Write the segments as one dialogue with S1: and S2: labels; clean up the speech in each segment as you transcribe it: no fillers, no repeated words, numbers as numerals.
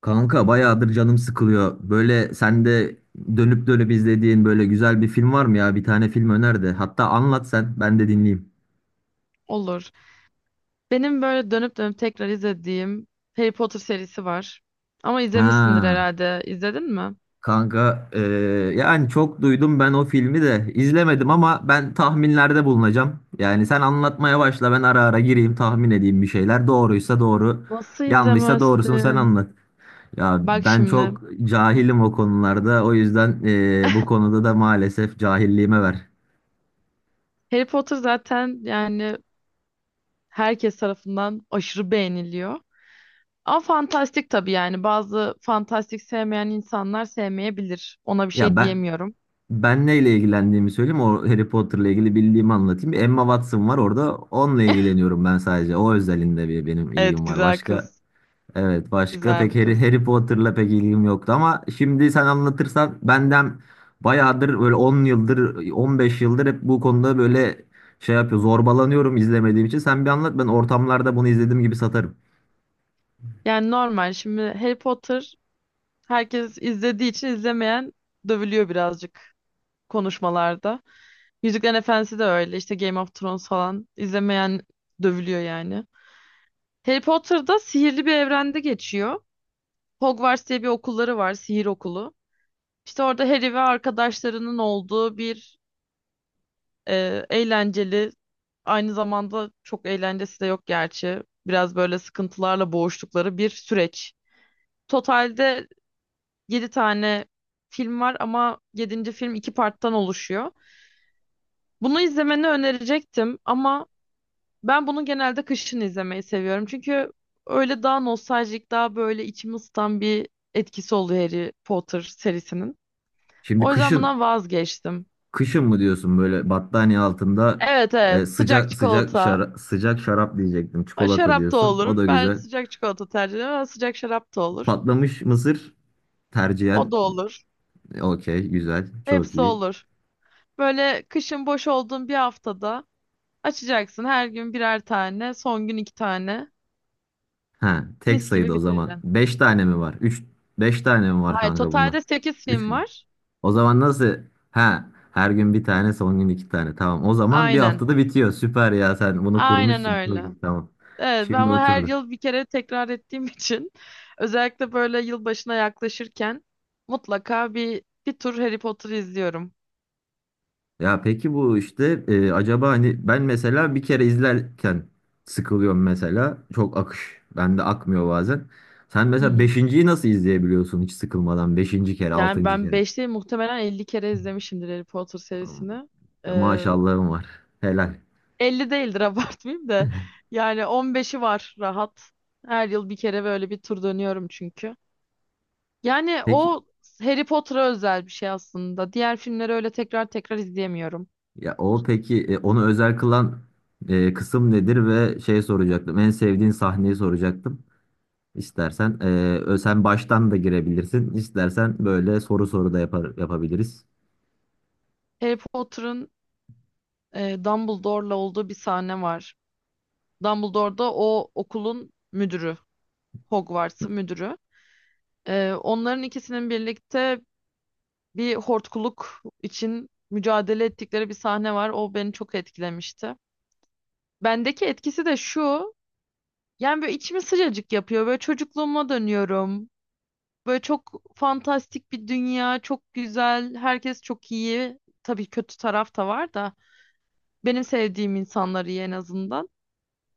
S1: Kanka bayağıdır canım sıkılıyor. Böyle sen de dönüp dönüp izlediğin böyle güzel bir film var mı ya? Bir tane film öner de. Hatta anlat sen, ben de dinleyeyim.
S2: Olur. Benim böyle dönüp dönüp tekrar izlediğim Harry Potter serisi var. Ama izlemişsindir
S1: Ha.
S2: herhalde. İzledin mi?
S1: Kanka yani çok duydum, ben o filmi de izlemedim ama ben tahminlerde bulunacağım. Yani sen anlatmaya başla, ben ara ara gireyim, tahmin edeyim bir şeyler. Doğruysa doğru,
S2: Nasıl
S1: yanlışsa doğrusunu sen
S2: izlemezsin?
S1: anlat. Ya
S2: Bak
S1: ben
S2: şimdi.
S1: çok cahilim o konularda, o yüzden bu konuda da maalesef cahilliğime ver.
S2: Harry Potter zaten yani herkes tarafından aşırı beğeniliyor. Ama fantastik tabii yani. Bazı fantastik sevmeyen insanlar sevmeyebilir. Ona bir
S1: Ya
S2: şey
S1: ben
S2: diyemiyorum.
S1: Ben neyle ilgilendiğimi söyleyeyim. O Harry Potter'la ilgili bildiğimi anlatayım. Bir Emma Watson var orada. Onunla ilgileniyorum ben sadece. O özelinde bir benim
S2: Evet,
S1: ilgim var.
S2: güzel
S1: Başka,
S2: kız.
S1: evet, başka
S2: Güzel
S1: pek
S2: bir
S1: Harry,
S2: kız.
S1: Harry Potter'la pek ilgim yoktu ama şimdi sen anlatırsan benden bayağıdır böyle 10 yıldır, 15 yıldır hep bu konuda böyle şey yapıyor, zorbalanıyorum izlemediğim için. Sen bir anlat, ben ortamlarda bunu izlediğim gibi satarım.
S2: Yani normal. Şimdi Harry Potter herkes izlediği için izlemeyen dövülüyor birazcık konuşmalarda. Yüzüklerin Efendisi de öyle. İşte Game of Thrones falan. İzlemeyen dövülüyor yani. Harry Potter'da sihirli bir evrende geçiyor. Hogwarts diye bir okulları var, sihir okulu. İşte orada Harry ve arkadaşlarının olduğu bir eğlenceli, aynı zamanda çok eğlencesi de yok gerçi. Biraz böyle sıkıntılarla boğuştukları bir süreç. Totalde 7 tane film var ama yedinci film iki parttan oluşuyor. Bunu izlemeni önerecektim ama ben bunu genelde kışın izlemeyi seviyorum. Çünkü öyle daha nostaljik, daha böyle içimi ısıtan bir etkisi oluyor Harry Potter serisinin.
S1: Şimdi
S2: O yüzden
S1: kışın
S2: bundan vazgeçtim.
S1: Kışın mı diyorsun, böyle battaniye altında
S2: Evet, evet, sıcak
S1: sıcak sıcak
S2: çikolata.
S1: sıcak şarap diyecektim.
S2: Ha,
S1: Çikolata
S2: şarap da
S1: diyorsun. O
S2: olur.
S1: da
S2: Ben
S1: güzel.
S2: sıcak çikolata tercih ediyorum ama sıcak şarap da olur.
S1: Patlamış mısır
S2: O
S1: tercihen.
S2: da olur.
S1: Okey, güzel. Çok
S2: Hepsi
S1: iyi.
S2: olur. Böyle kışın boş olduğun bir haftada açacaksın. Her gün birer tane, son gün iki tane.
S1: Ha, tek
S2: Mis gibi
S1: sayıda o zaman.
S2: bitireceksin.
S1: 5 tane mi var? Beş tane mi var
S2: Hayır,
S1: kanka bunda?
S2: totalde 8
S1: 3
S2: film
S1: mü?
S2: var.
S1: O zaman nasıl? Ha, her gün bir tane, son gün iki tane. Tamam. O zaman bir
S2: Aynen.
S1: haftada bitiyor. Süper ya, sen bunu
S2: Aynen
S1: kurmuşsun. Çok
S2: öyle.
S1: iyi. Tamam.
S2: Evet, ben
S1: Şimdi
S2: bunu her
S1: oturdu.
S2: yıl bir kere tekrar ettiğim için özellikle böyle yılbaşına yaklaşırken mutlaka bir tur Harry Potter izliyorum.
S1: Ya peki bu işte, acaba hani ben mesela bir kere izlerken sıkılıyorum mesela. Çok akış. Bende akmıyor bazen. Sen
S2: Hı
S1: mesela
S2: hı.
S1: beşinciyi nasıl izleyebiliyorsun hiç sıkılmadan? Beşinci kere,
S2: Yani
S1: altıncı
S2: ben
S1: kere.
S2: 5 değil, muhtemelen 50 kere izlemişimdir Harry Potter serisini.
S1: Ya
S2: Ee,
S1: Maşallahım var. Helal.
S2: 50 değildir abartmayayım da, yani 15'i var rahat. Her yıl bir kere böyle bir tur dönüyorum çünkü. Yani
S1: Peki,
S2: o Harry Potter'a özel bir şey aslında. Diğer filmleri öyle tekrar tekrar izleyemiyorum.
S1: ya o peki, onu özel kılan kısım nedir ve şey soracaktım. En sevdiğin sahneyi soracaktım. İstersen sen baştan da girebilirsin. İstersen böyle soru soru da yapabiliriz.
S2: Harry Potter'ın Dumbledore'la olduğu bir sahne var. Dumbledore da o okulun müdürü, Hogwarts'ın müdürü. Onların ikisinin birlikte bir hortkuluk için mücadele ettikleri bir sahne var. O beni çok etkilemişti. Bendeki etkisi de şu. Yani böyle içimi sıcacık yapıyor. Böyle çocukluğuma dönüyorum. Böyle çok fantastik bir dünya, çok güzel, herkes çok iyi. Tabii kötü taraf da var da benim sevdiğim insanlar iyi en azından.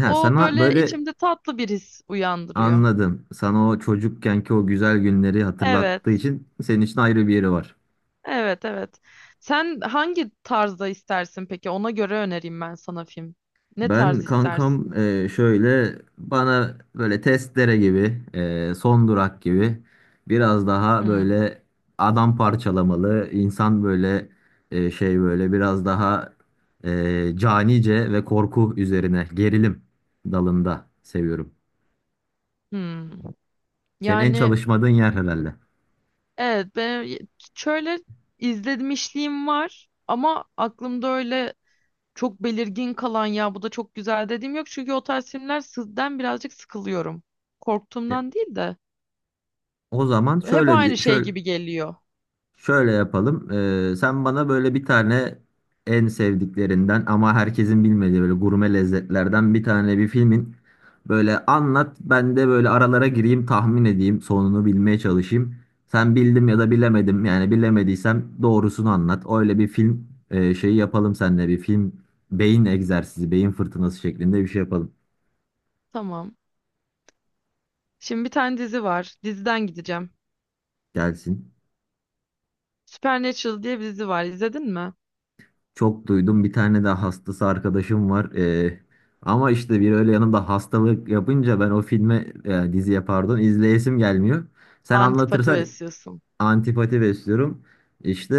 S1: Ha,
S2: O
S1: sana
S2: böyle
S1: böyle.
S2: içimde tatlı bir his uyandırıyor.
S1: Anladım. Sana o çocukkenki o güzel günleri hatırlattığı
S2: Evet,
S1: için senin için ayrı bir yeri var.
S2: evet, evet. Sen hangi tarzda istersin peki? Ona göre önereyim ben sana film. Ne tarz
S1: Ben
S2: istersin?
S1: kankam, şöyle bana böyle testere gibi, son durak gibi biraz daha
S2: Hmm,
S1: böyle adam parçalamalı, insan böyle şey, böyle biraz daha canice ve korku üzerine gerilim dalında seviyorum.
S2: hmm.
S1: Senin en
S2: Yani
S1: çalışmadığın yer herhalde.
S2: evet, ben şöyle izlemişliğim var ama aklımda öyle çok belirgin kalan ya bu da çok güzel dediğim yok. Çünkü o tarz filmler sizden birazcık sıkılıyorum.
S1: E,
S2: Korktuğumdan değil de
S1: O zaman
S2: hep aynı şey gibi geliyor.
S1: şöyle yapalım. Sen bana böyle bir tane en sevdiklerinden ama herkesin bilmediği böyle gurme lezzetlerden bir tane bir filmin böyle anlat. Ben de böyle aralara gireyim, tahmin edeyim, sonunu bilmeye çalışayım. Sen bildim ya da bilemedim. Yani bilemediysem doğrusunu anlat. Öyle bir film şeyi yapalım seninle, bir film beyin egzersizi, beyin fırtınası şeklinde bir şey yapalım.
S2: Tamam. Şimdi bir tane dizi var. Diziden gideceğim.
S1: Gelsin.
S2: Supernatural diye bir dizi var. İzledin mi?
S1: Çok duydum. Bir tane de hastası arkadaşım var. Ama işte bir öyle yanımda hastalık yapınca ben o filme, diziye pardon, izleyesim gelmiyor. Sen
S2: Antipati
S1: anlatırsan
S2: besliyorsun.
S1: antipati besliyorum. İşte,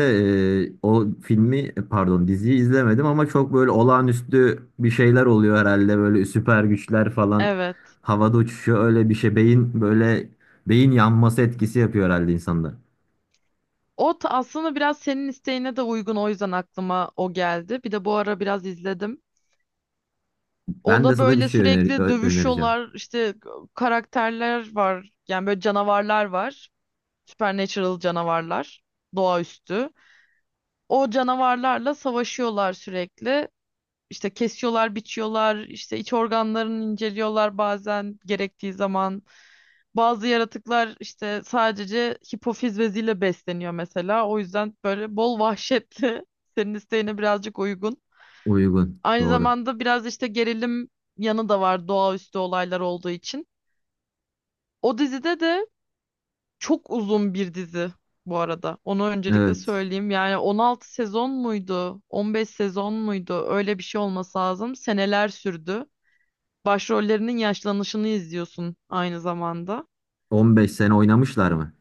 S1: o filmi, pardon, diziyi izlemedim ama çok böyle olağanüstü bir şeyler oluyor herhalde. Böyle süper güçler falan
S2: Evet.
S1: havada uçuşuyor. Öyle bir şey, beyin böyle beyin yanması etkisi yapıyor herhalde insanda.
S2: O aslında biraz senin isteğine de uygun. O yüzden aklıma o geldi. Bir de bu ara biraz izledim.
S1: Ben de
S2: Onda
S1: sana bir
S2: böyle
S1: şey
S2: sürekli
S1: önereceğim.
S2: dövüşüyorlar. İşte karakterler var. Yani böyle canavarlar var. Supernatural canavarlar. Doğaüstü. O canavarlarla savaşıyorlar sürekli. İşte kesiyorlar, biçiyorlar, işte iç organlarını inceliyorlar bazen gerektiği zaman. Bazı yaratıklar işte sadece hipofiz beziyle besleniyor mesela. O yüzden böyle bol vahşetli, senin isteğine birazcık uygun.
S1: Uygun.
S2: Aynı
S1: Doğru.
S2: zamanda biraz işte gerilim yanı da var doğaüstü olaylar olduğu için. O dizide de, çok uzun bir dizi bu arada, onu öncelikle
S1: Evet.
S2: söyleyeyim. Yani 16 sezon muydu? 15 sezon muydu? Öyle bir şey olması lazım. Seneler sürdü. Başrollerinin yaşlanışını izliyorsun aynı zamanda.
S1: 15 sene oynamışlar mı?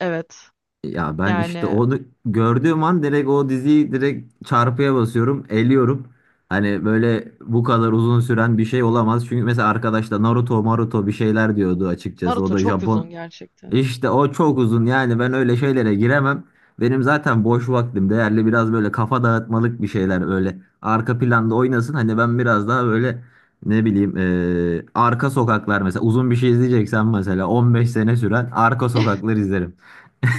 S2: Evet.
S1: Ya ben işte
S2: Yani
S1: onu gördüğüm an direkt o diziyi direkt çarpıya basıyorum, eliyorum. Hani böyle bu kadar uzun süren bir şey olamaz. Çünkü mesela arkadaş da Naruto, Maruto bir şeyler diyordu açıkçası. O
S2: Naruto
S1: da
S2: çok
S1: Japon
S2: uzun gerçekten.
S1: işte, o çok uzun yani, ben öyle şeylere giremem. Benim zaten boş vaktim değerli, biraz böyle kafa dağıtmalık bir şeyler öyle arka planda oynasın. Hani ben biraz daha böyle ne bileyim, arka sokaklar mesela, uzun bir şey izleyeceksen mesela 15 sene süren arka sokaklar izlerim.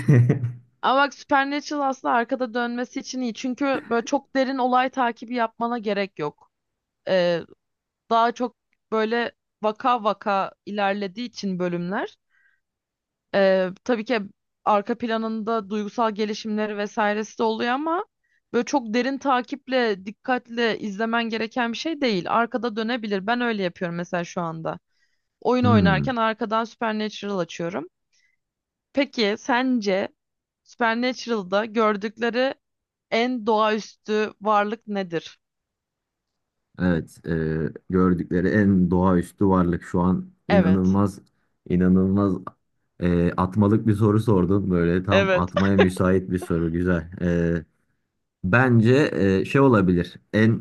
S2: Ama bak Supernatural aslında arkada dönmesi için iyi. Çünkü böyle çok derin olay takibi yapmana gerek yok. Ee, Daha çok böyle vaka vaka ilerlediği için bölümler. Tabii ki arka planında duygusal gelişimleri vesairesi de oluyor ama böyle çok derin takiple, dikkatle izlemen gereken bir şey değil. Arkada dönebilir. Ben öyle yapıyorum mesela şu anda. Oyun
S1: Hmm,
S2: oynarken arkadan Supernatural açıyorum. Peki sence Supernatural'da gördükleri en doğaüstü varlık nedir?
S1: evet, gördükleri en doğaüstü varlık şu an
S2: Evet.
S1: inanılmaz inanılmaz, atmalık bir soru sordun, böyle tam
S2: Evet.
S1: atmaya müsait bir soru, güzel. Bence şey olabilir. En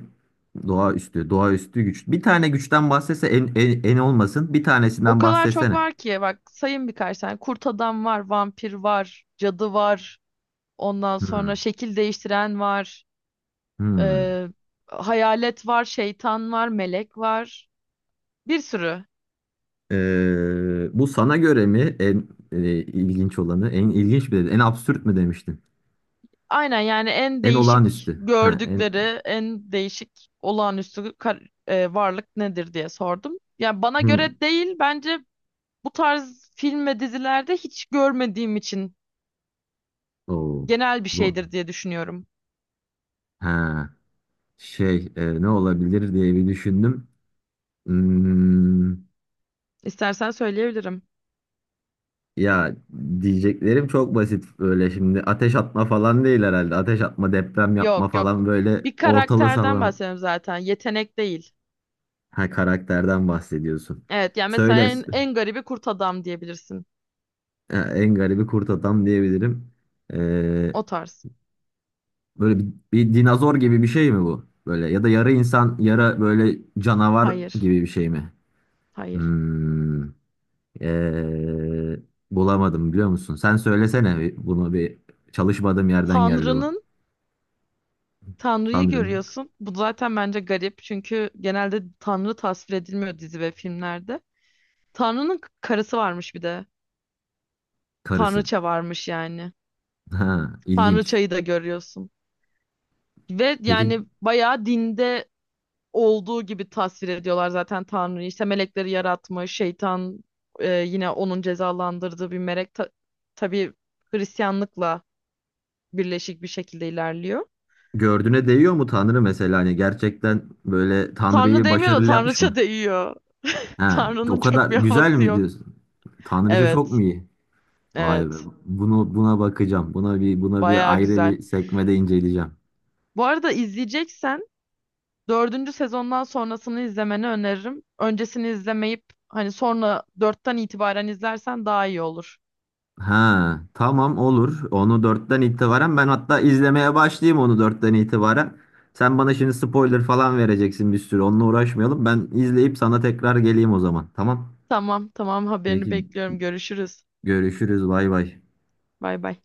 S1: doğaüstü, doğaüstü güç. Bir tane güçten bahsetse en, olmasın. Bir
S2: O
S1: tanesinden
S2: kadar çok
S1: bahsetsene.
S2: var ki, bak sayın birkaç tane. Kurt adam var, vampir var, cadı var. Ondan sonra
S1: Hmm,
S2: şekil değiştiren var.
S1: hmm.
S2: e, Hayalet var, şeytan var, melek var. Bir sürü.
S1: Bu sana göre mi en ilginç olanı? En ilginç mi dedin? En absürt mü demiştin?
S2: Aynen, yani en
S1: En
S2: değişik
S1: olağanüstü. Ha, en.
S2: gördükleri, en değişik olağanüstü kar- e, varlık nedir diye sordum. Yani bana
S1: Hmm.
S2: göre değil, bence bu tarz film ve dizilerde hiç görmediğim için
S1: Oo.
S2: genel bir
S1: Zor.
S2: şeydir diye düşünüyorum.
S1: Ha, şey, ne olabilir diye bir düşündüm. Hmm.
S2: İstersen söyleyebilirim.
S1: Ya diyeceklerim çok basit, böyle şimdi ateş atma falan değil herhalde. Ateş atma, deprem yapma
S2: Yok, yok.
S1: falan böyle
S2: Bir
S1: ortalığı
S2: karakterden
S1: sallama.
S2: bahsediyorum zaten. Yetenek değil.
S1: Ha, karakterden bahsediyorsun.
S2: Evet, yani mesela
S1: Söyle.
S2: en garibi kurt adam diyebilirsin.
S1: Ha, en garibi kurt adam diyebilirim. Ee,
S2: O tarz.
S1: böyle bir dinozor gibi bir şey mi bu? Böyle ya da yarı insan, yarı böyle canavar
S2: Hayır.
S1: gibi bir şey mi?
S2: Hayır.
S1: Hmm, ee, bulamadım biliyor musun? Sen söylesene bunu, bir çalışmadığım yerden geldi bu.
S2: Tanrı'nın Tanrı'yı
S1: Tanrı'nın
S2: görüyorsun. Bu zaten bence garip çünkü genelde Tanrı tasvir edilmiyor dizi ve filmlerde. Tanrı'nın karısı varmış bir de.
S1: karısı.
S2: Tanrıça varmış yani.
S1: Ha, ilginç.
S2: Tanrıçayı da görüyorsun. Ve
S1: Peki
S2: yani bayağı dinde olduğu gibi tasvir ediyorlar zaten Tanrı'yı. İşte melekleri yaratmış, şeytan yine onun cezalandırdığı bir melek. Tabii Hristiyanlıkla birleşik bir şekilde ilerliyor.
S1: gördüğüne değiyor mu Tanrı, mesela, hani gerçekten böyle
S2: Tanrı
S1: Tanrı'yı
S2: demiyor da
S1: başarılı yapmış
S2: Tanrıça
S1: mı?
S2: değiyor.
S1: Ha, o
S2: Tanrı'nın çok
S1: kadar
S2: bir
S1: güzel
S2: havası
S1: mi
S2: yok.
S1: diyorsun? Tanrıça çok mu
S2: Evet.
S1: iyi? Vay be.
S2: Evet.
S1: Bunu, buna bakacağım. Buna bir
S2: Bayağı
S1: ayrı
S2: güzel.
S1: bir sekmede inceleyeceğim.
S2: Bu arada izleyeceksen dördüncü sezondan sonrasını izlemeni öneririm. Öncesini izlemeyip hani sonra dörtten itibaren izlersen daha iyi olur.
S1: Ha, tamam, olur. Onu dörtten itibaren ben hatta izlemeye başlayayım, onu dörtten itibaren. Sen bana şimdi spoiler falan vereceksin bir sürü. Onunla uğraşmayalım. Ben izleyip sana tekrar geleyim o zaman. Tamam.
S2: Tamam, tamam, haberini
S1: Peki
S2: bekliyorum. Görüşürüz.
S1: görüşürüz. Bay bay.
S2: Bay bay.